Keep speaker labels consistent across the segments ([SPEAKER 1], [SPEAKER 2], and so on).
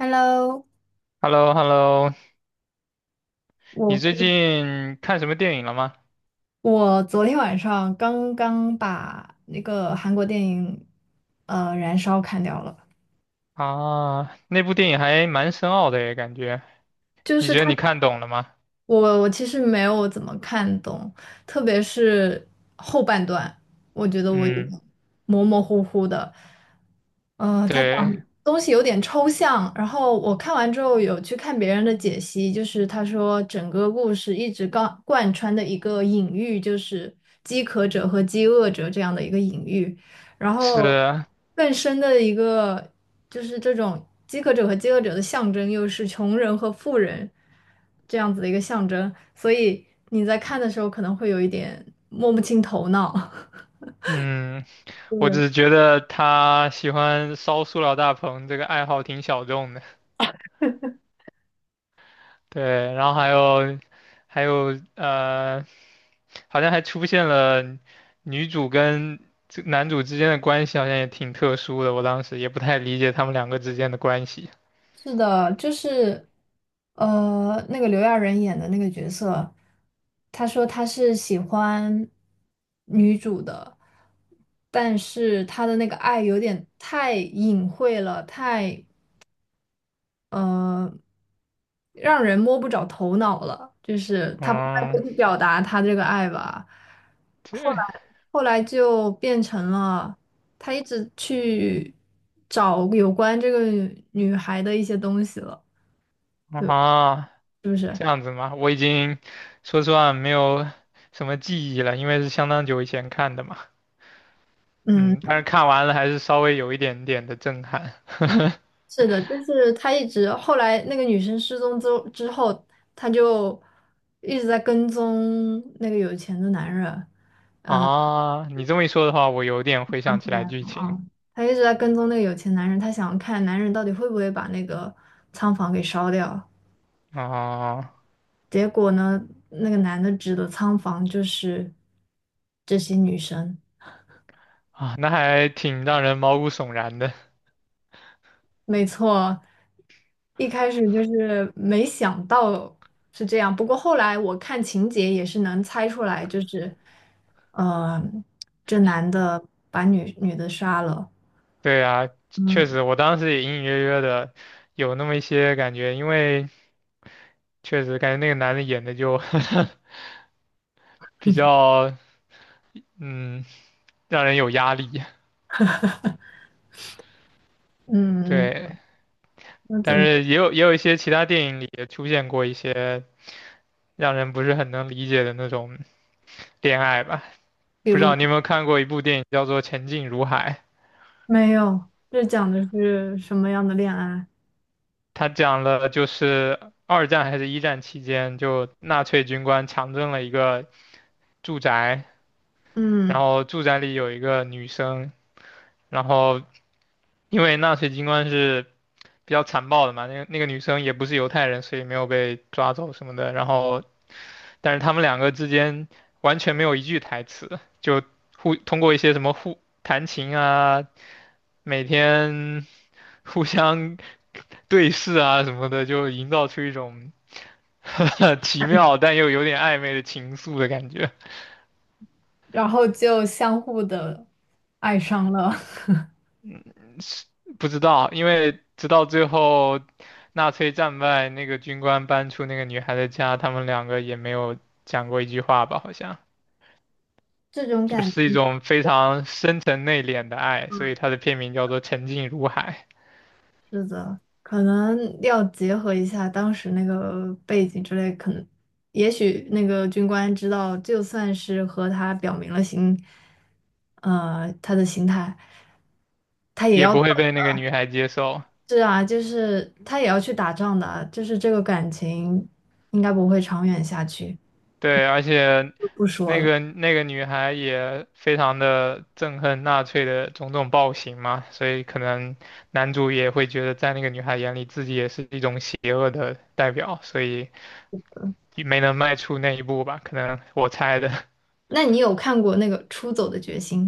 [SPEAKER 1] Hello，
[SPEAKER 2] h e l l o h e l l o 你
[SPEAKER 1] 我
[SPEAKER 2] 最
[SPEAKER 1] 刚
[SPEAKER 2] 近看什么电影了吗？
[SPEAKER 1] 我昨天晚上刚刚把那个韩国电影《燃烧》看掉了。
[SPEAKER 2] 啊，那部电影还蛮深奥的耶，感觉。
[SPEAKER 1] 就
[SPEAKER 2] 你
[SPEAKER 1] 是
[SPEAKER 2] 觉
[SPEAKER 1] 它，
[SPEAKER 2] 得你看懂了吗？
[SPEAKER 1] 我其实没有怎么看懂，特别是后半段，我觉得我有
[SPEAKER 2] 嗯，
[SPEAKER 1] 点模模糊糊的。它
[SPEAKER 2] 对，
[SPEAKER 1] 东西有点抽象，然后我看完之后有去看别人的解析，就是他说整个故事一直贯穿的一个隐喻，就是饥渴者和饥饿者这样的一个隐喻，然后
[SPEAKER 2] 是，
[SPEAKER 1] 更深的一个就是这种饥渴者和饥饿者的象征，又是穷人和富人这样子的一个象征，所以你在看的时候可能会有一点摸不清头脑。
[SPEAKER 2] 嗯，我只
[SPEAKER 1] 对。
[SPEAKER 2] 是觉得他喜欢烧塑料大棚这个爱好挺小众的。对，然后还有，还有，好像还出现了女主跟这男主之间的关系，好像也挺特殊的。我当时也不太理解他们两个之间的关系。
[SPEAKER 1] 是的，就是，那个刘亚仁演的那个角色，他说他是喜欢女主的，但是他的那个爱有点太隐晦了，太呃，让人摸不着头脑了，就是他不太会
[SPEAKER 2] 嗯。
[SPEAKER 1] 去表达他这个爱吧。后来，
[SPEAKER 2] 这
[SPEAKER 1] 后来就变成了。他一直去找有关这个女孩的一些东西了。对，
[SPEAKER 2] 啊，这样子吗？我已经说实话没有什么记忆了，因为是相当久以前看的嘛。
[SPEAKER 1] 嗯，
[SPEAKER 2] 嗯，但是看完了还是稍微有一点点的震撼。
[SPEAKER 1] 是的，就是他一直后来那个女生失踪之后，他就一直在跟踪那个有钱的男人。
[SPEAKER 2] 啊，你这么一说的话，我有点回
[SPEAKER 1] 后
[SPEAKER 2] 想起
[SPEAKER 1] 来
[SPEAKER 2] 来剧情。
[SPEAKER 1] 啊，他一直在跟踪那个有钱男人，他想看男人到底会不会把那个仓房给烧掉。
[SPEAKER 2] 啊
[SPEAKER 1] 结果呢，那个男的指的仓房就是这些女生。
[SPEAKER 2] 啊，那还挺让人毛骨悚然的。
[SPEAKER 1] 没错，一开始就是没想到是这样，不过后来我看情节也是能猜出来，就是，呃，这男的把女的杀了。
[SPEAKER 2] 对啊，确
[SPEAKER 1] 嗯
[SPEAKER 2] 实，我当时也隐隐约约的有那么一些感觉，因为确实感觉那个男的演的就 比较，嗯，让人有压力。
[SPEAKER 1] 嗯，
[SPEAKER 2] 对，
[SPEAKER 1] 那怎
[SPEAKER 2] 但
[SPEAKER 1] 么，
[SPEAKER 2] 是也有一些其他电影里也出现过一些让人不是很能理解的那种恋爱吧。
[SPEAKER 1] 比
[SPEAKER 2] 不知
[SPEAKER 1] 如
[SPEAKER 2] 道你有没有看过一部电影叫做《前进如海》，
[SPEAKER 1] 没有，这讲的是什么样的恋爱？
[SPEAKER 2] 它讲了就是二战还是一战期间，就纳粹军官强征了一个住宅，然
[SPEAKER 1] 嗯，
[SPEAKER 2] 后住宅里有一个女生，然后因为纳粹军官是比较残暴的嘛，那个女生也不是犹太人，所以没有被抓走什么的，然后但是他们两个之间完全没有一句台词，就互通过一些什么互弹琴啊，每天互相对视啊什么的，就营造出一种 呵呵奇妙但又有点暧昧的情愫的感觉。
[SPEAKER 1] 然后就相互的爱上了。
[SPEAKER 2] 不知道，因为直到最后纳粹战败，那个军官搬出那个女孩的家，他们两个也没有讲过一句话吧？好像
[SPEAKER 1] 这种
[SPEAKER 2] 就是一种非常深沉内敛的爱，所以它的片名叫做《沉静如海》。
[SPEAKER 1] 是的，可能要结合一下当时那个背景之类，可能也许那个军官知道，就算是和他表明了心，他的心态，
[SPEAKER 2] 也不会被那个女孩接受。
[SPEAKER 1] 是啊，就是他也要去打仗的啊，就是这个感情应该不会长远下去，
[SPEAKER 2] 对，而且
[SPEAKER 1] 就不说
[SPEAKER 2] 那
[SPEAKER 1] 了。
[SPEAKER 2] 个那个女孩也非常的憎恨纳粹的种种暴行嘛，所以可能男主也会觉得在那个女孩眼里自己也是一种邪恶的代表，所以没能迈出那一步吧，可能我猜的。
[SPEAKER 1] 那你有看过那个《出走的决心》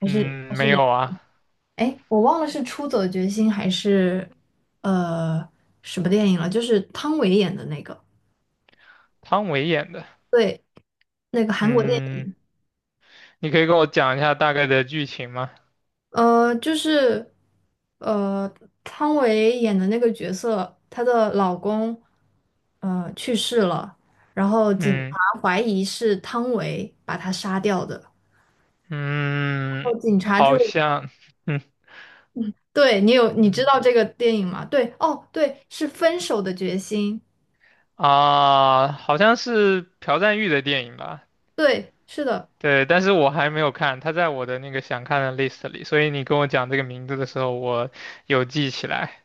[SPEAKER 1] 还是
[SPEAKER 2] 嗯，
[SPEAKER 1] 还是
[SPEAKER 2] 没
[SPEAKER 1] 哪？
[SPEAKER 2] 有啊，
[SPEAKER 1] 哎，我忘了是《出走的决心》还是呃什么电影了，就是汤唯演的那个。
[SPEAKER 2] 汤唯演的。
[SPEAKER 1] 对，那个韩国电
[SPEAKER 2] 嗯，
[SPEAKER 1] 影，
[SPEAKER 2] 你可以跟我讲一下大概的剧情吗？
[SPEAKER 1] 就是呃，汤唯演的那个角色，她的老公去世了，然后警
[SPEAKER 2] 嗯
[SPEAKER 1] 察怀疑是汤唯把他杀掉的，然
[SPEAKER 2] 嗯，
[SPEAKER 1] 后警察就，
[SPEAKER 2] 好像，嗯。
[SPEAKER 1] 对，你有，你知道这个电影吗？对，哦，对，是《分手的决心》，
[SPEAKER 2] 啊，好像是朴赞郁的电影吧？
[SPEAKER 1] 对，是的，
[SPEAKER 2] 对，但是我还没有看，他在我的那个想看的 list 里，所以你跟我讲这个名字的时候，我有记起来。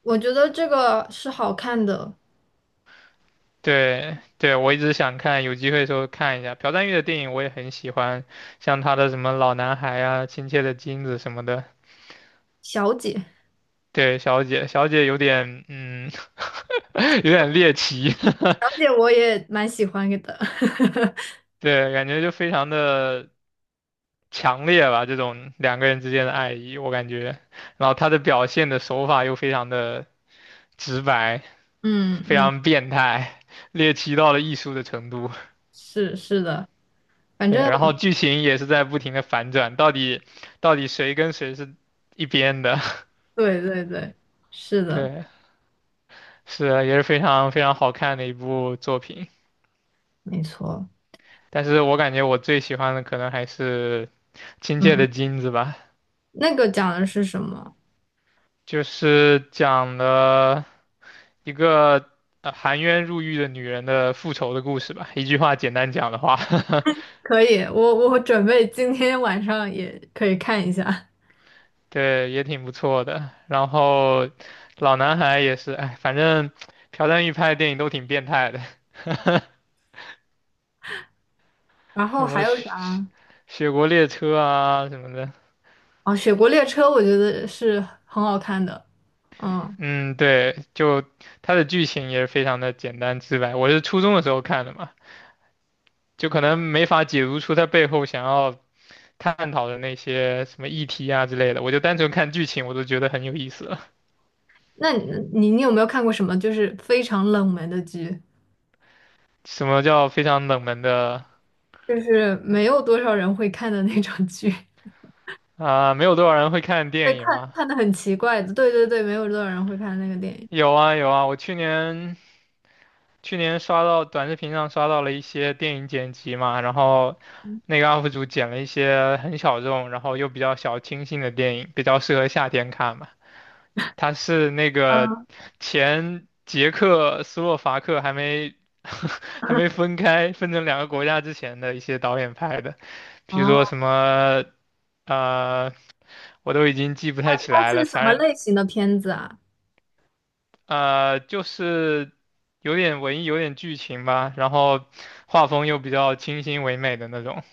[SPEAKER 1] 我觉得这个是好看的。
[SPEAKER 2] 对，对，我一直想看，有机会的时候看一下。朴赞郁的电影我也很喜欢，像他的什么《老男孩》啊，《亲切的金子》什么的。
[SPEAKER 1] 小姐，小
[SPEAKER 2] 对，小姐，小姐有点，嗯，有点猎奇，
[SPEAKER 1] 姐我也蛮喜欢的。
[SPEAKER 2] 对，感觉就非常的强烈吧，这种两个人之间的爱意，我感觉。然后他的表现的手法又非常的直白，
[SPEAKER 1] 嗯
[SPEAKER 2] 非
[SPEAKER 1] 嗯，
[SPEAKER 2] 常变态，猎奇到了艺术的程度。
[SPEAKER 1] 是是的。反
[SPEAKER 2] 对，
[SPEAKER 1] 正。
[SPEAKER 2] 然后剧情也是在不停的反转，到底谁跟谁是一边的？
[SPEAKER 1] 对对对，是 的，
[SPEAKER 2] 对，是啊也是非常非常好看的一部作品。
[SPEAKER 1] 没错。
[SPEAKER 2] 但是我感觉我最喜欢的可能还是《亲切
[SPEAKER 1] 嗯，
[SPEAKER 2] 的金子》吧，
[SPEAKER 1] 那个讲的是什么？
[SPEAKER 2] 就是讲了。一个含冤入狱的女人的复仇的故事吧。一句话简单讲的话，
[SPEAKER 1] 可以，我准备今天晚上也可以看一下。
[SPEAKER 2] 对，也挺不错的。然后老男孩也是，哎，反正朴赞郁拍的电影都挺变态的，
[SPEAKER 1] 然
[SPEAKER 2] 什
[SPEAKER 1] 后
[SPEAKER 2] 么
[SPEAKER 1] 还有
[SPEAKER 2] 雪
[SPEAKER 1] 啥？
[SPEAKER 2] 雪国列车啊什么的。
[SPEAKER 1] 哦，《雪国列车》我觉得是很好看的。嗯，
[SPEAKER 2] 嗯，对，就他的剧情也是非常的简单直白。我是初中的时候看的嘛，就可能没法解读出他背后想要探讨的那些什么议题啊之类的。我就单纯看剧情，我都觉得很有意思。
[SPEAKER 1] 那你有没有看过什么就是非常冷门的剧，
[SPEAKER 2] 什么叫非常冷门的
[SPEAKER 1] 就是没有多少人会看的那种剧，会
[SPEAKER 2] 啊？没有多少人会看电影
[SPEAKER 1] 看
[SPEAKER 2] 吗？
[SPEAKER 1] 看的很奇怪的。对对对，没有多少人会看那个电影。
[SPEAKER 2] 有啊有啊，我去年刷到短视频上刷到了一些电影剪辑嘛，然后那个 UP 主剪了一些很小众，然后又比较小清新的电影，比较适合夏天看嘛。他是那个前捷克斯洛伐克还没 还没分开分成两个国家之前的一些导演拍的，比如说
[SPEAKER 1] 哦，
[SPEAKER 2] 什么呃。我都已经记不太起
[SPEAKER 1] 它
[SPEAKER 2] 来了，
[SPEAKER 1] 是什么
[SPEAKER 2] 反正。
[SPEAKER 1] 类型的片子啊？
[SPEAKER 2] 就是有点文艺，有点剧情吧，然后画风又比较清新唯美的那种。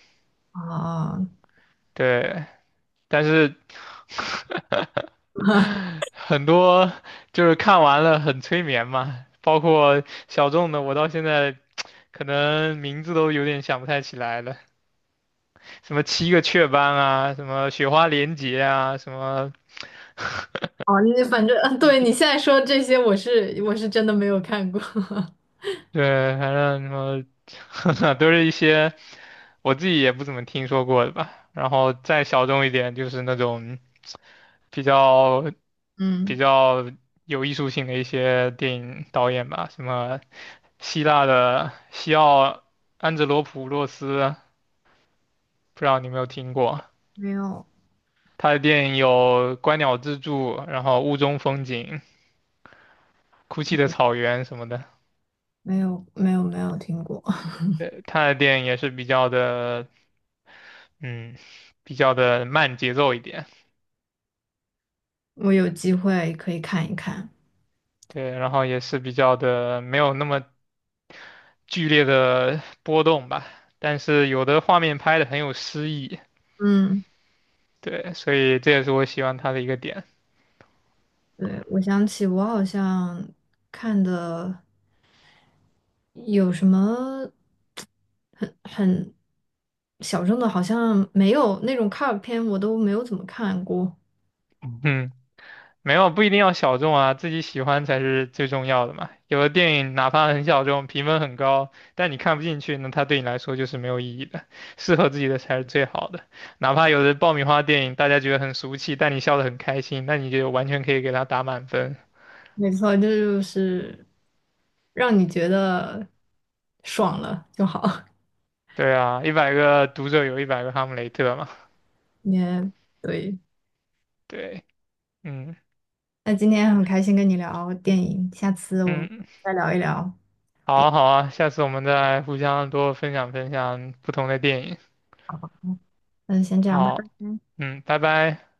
[SPEAKER 1] 哦，
[SPEAKER 2] 对，但是很多就是看完了很催眠嘛，包括小众的，我到现在可能名字都有点想不太起来了，什么七个雀斑啊，什么雪花连结啊，什么
[SPEAKER 1] 哦，你反正，嗯，对，你现在说这些，我是真的没有看过。
[SPEAKER 2] 对，反正什么 都是一些我自己也不怎么听说过的吧。然后再小众一点，就是那种比较比
[SPEAKER 1] 嗯，
[SPEAKER 2] 较有艺术性的一些电影导演吧，什么希腊的西奥安哲罗普洛斯，不知道你有没有听过？
[SPEAKER 1] 没有，
[SPEAKER 2] 他的电影有《观鸟之助》，然后《雾中风景》、《哭泣的草原》什么的。
[SPEAKER 1] 没有，没有，没有听过。
[SPEAKER 2] 他的电影也是比较的，嗯，比较的慢节奏一点。
[SPEAKER 1] 我有机会可以看一看。
[SPEAKER 2] 对，然后也是比较的没有那么剧烈的波动吧，但是有的画面拍的很有诗意，
[SPEAKER 1] 嗯，
[SPEAKER 2] 对，所以这也是我喜欢它的一个点。
[SPEAKER 1] 对，我想起我好像看的有什么很小众的，好像没有那种卡尔片，我都没有怎么看过。
[SPEAKER 2] 嗯，没有，不一定要小众啊，自己喜欢才是最重要的嘛。有的电影哪怕很小众，评分很高，但你看不进去，那它对你来说就是没有意义的。适合自己的才是最好的。哪怕有的爆米花电影，大家觉得很俗气，但你笑得很开心，那你就完全可以给它打满分。
[SPEAKER 1] 没错，这就是让你觉得爽了就好。
[SPEAKER 2] 对啊，100个读者有100个哈姆雷特嘛。
[SPEAKER 1] 也对。
[SPEAKER 2] 对，嗯
[SPEAKER 1] 那今天很开心跟你聊电影，下次我们
[SPEAKER 2] 嗯，
[SPEAKER 1] 再聊一聊，
[SPEAKER 2] 好
[SPEAKER 1] 别，
[SPEAKER 2] 啊好啊，下次我们再互相多分享分享不同的电影。
[SPEAKER 1] 嗯，先这样，拜
[SPEAKER 2] 好，
[SPEAKER 1] 拜。
[SPEAKER 2] 嗯，拜拜。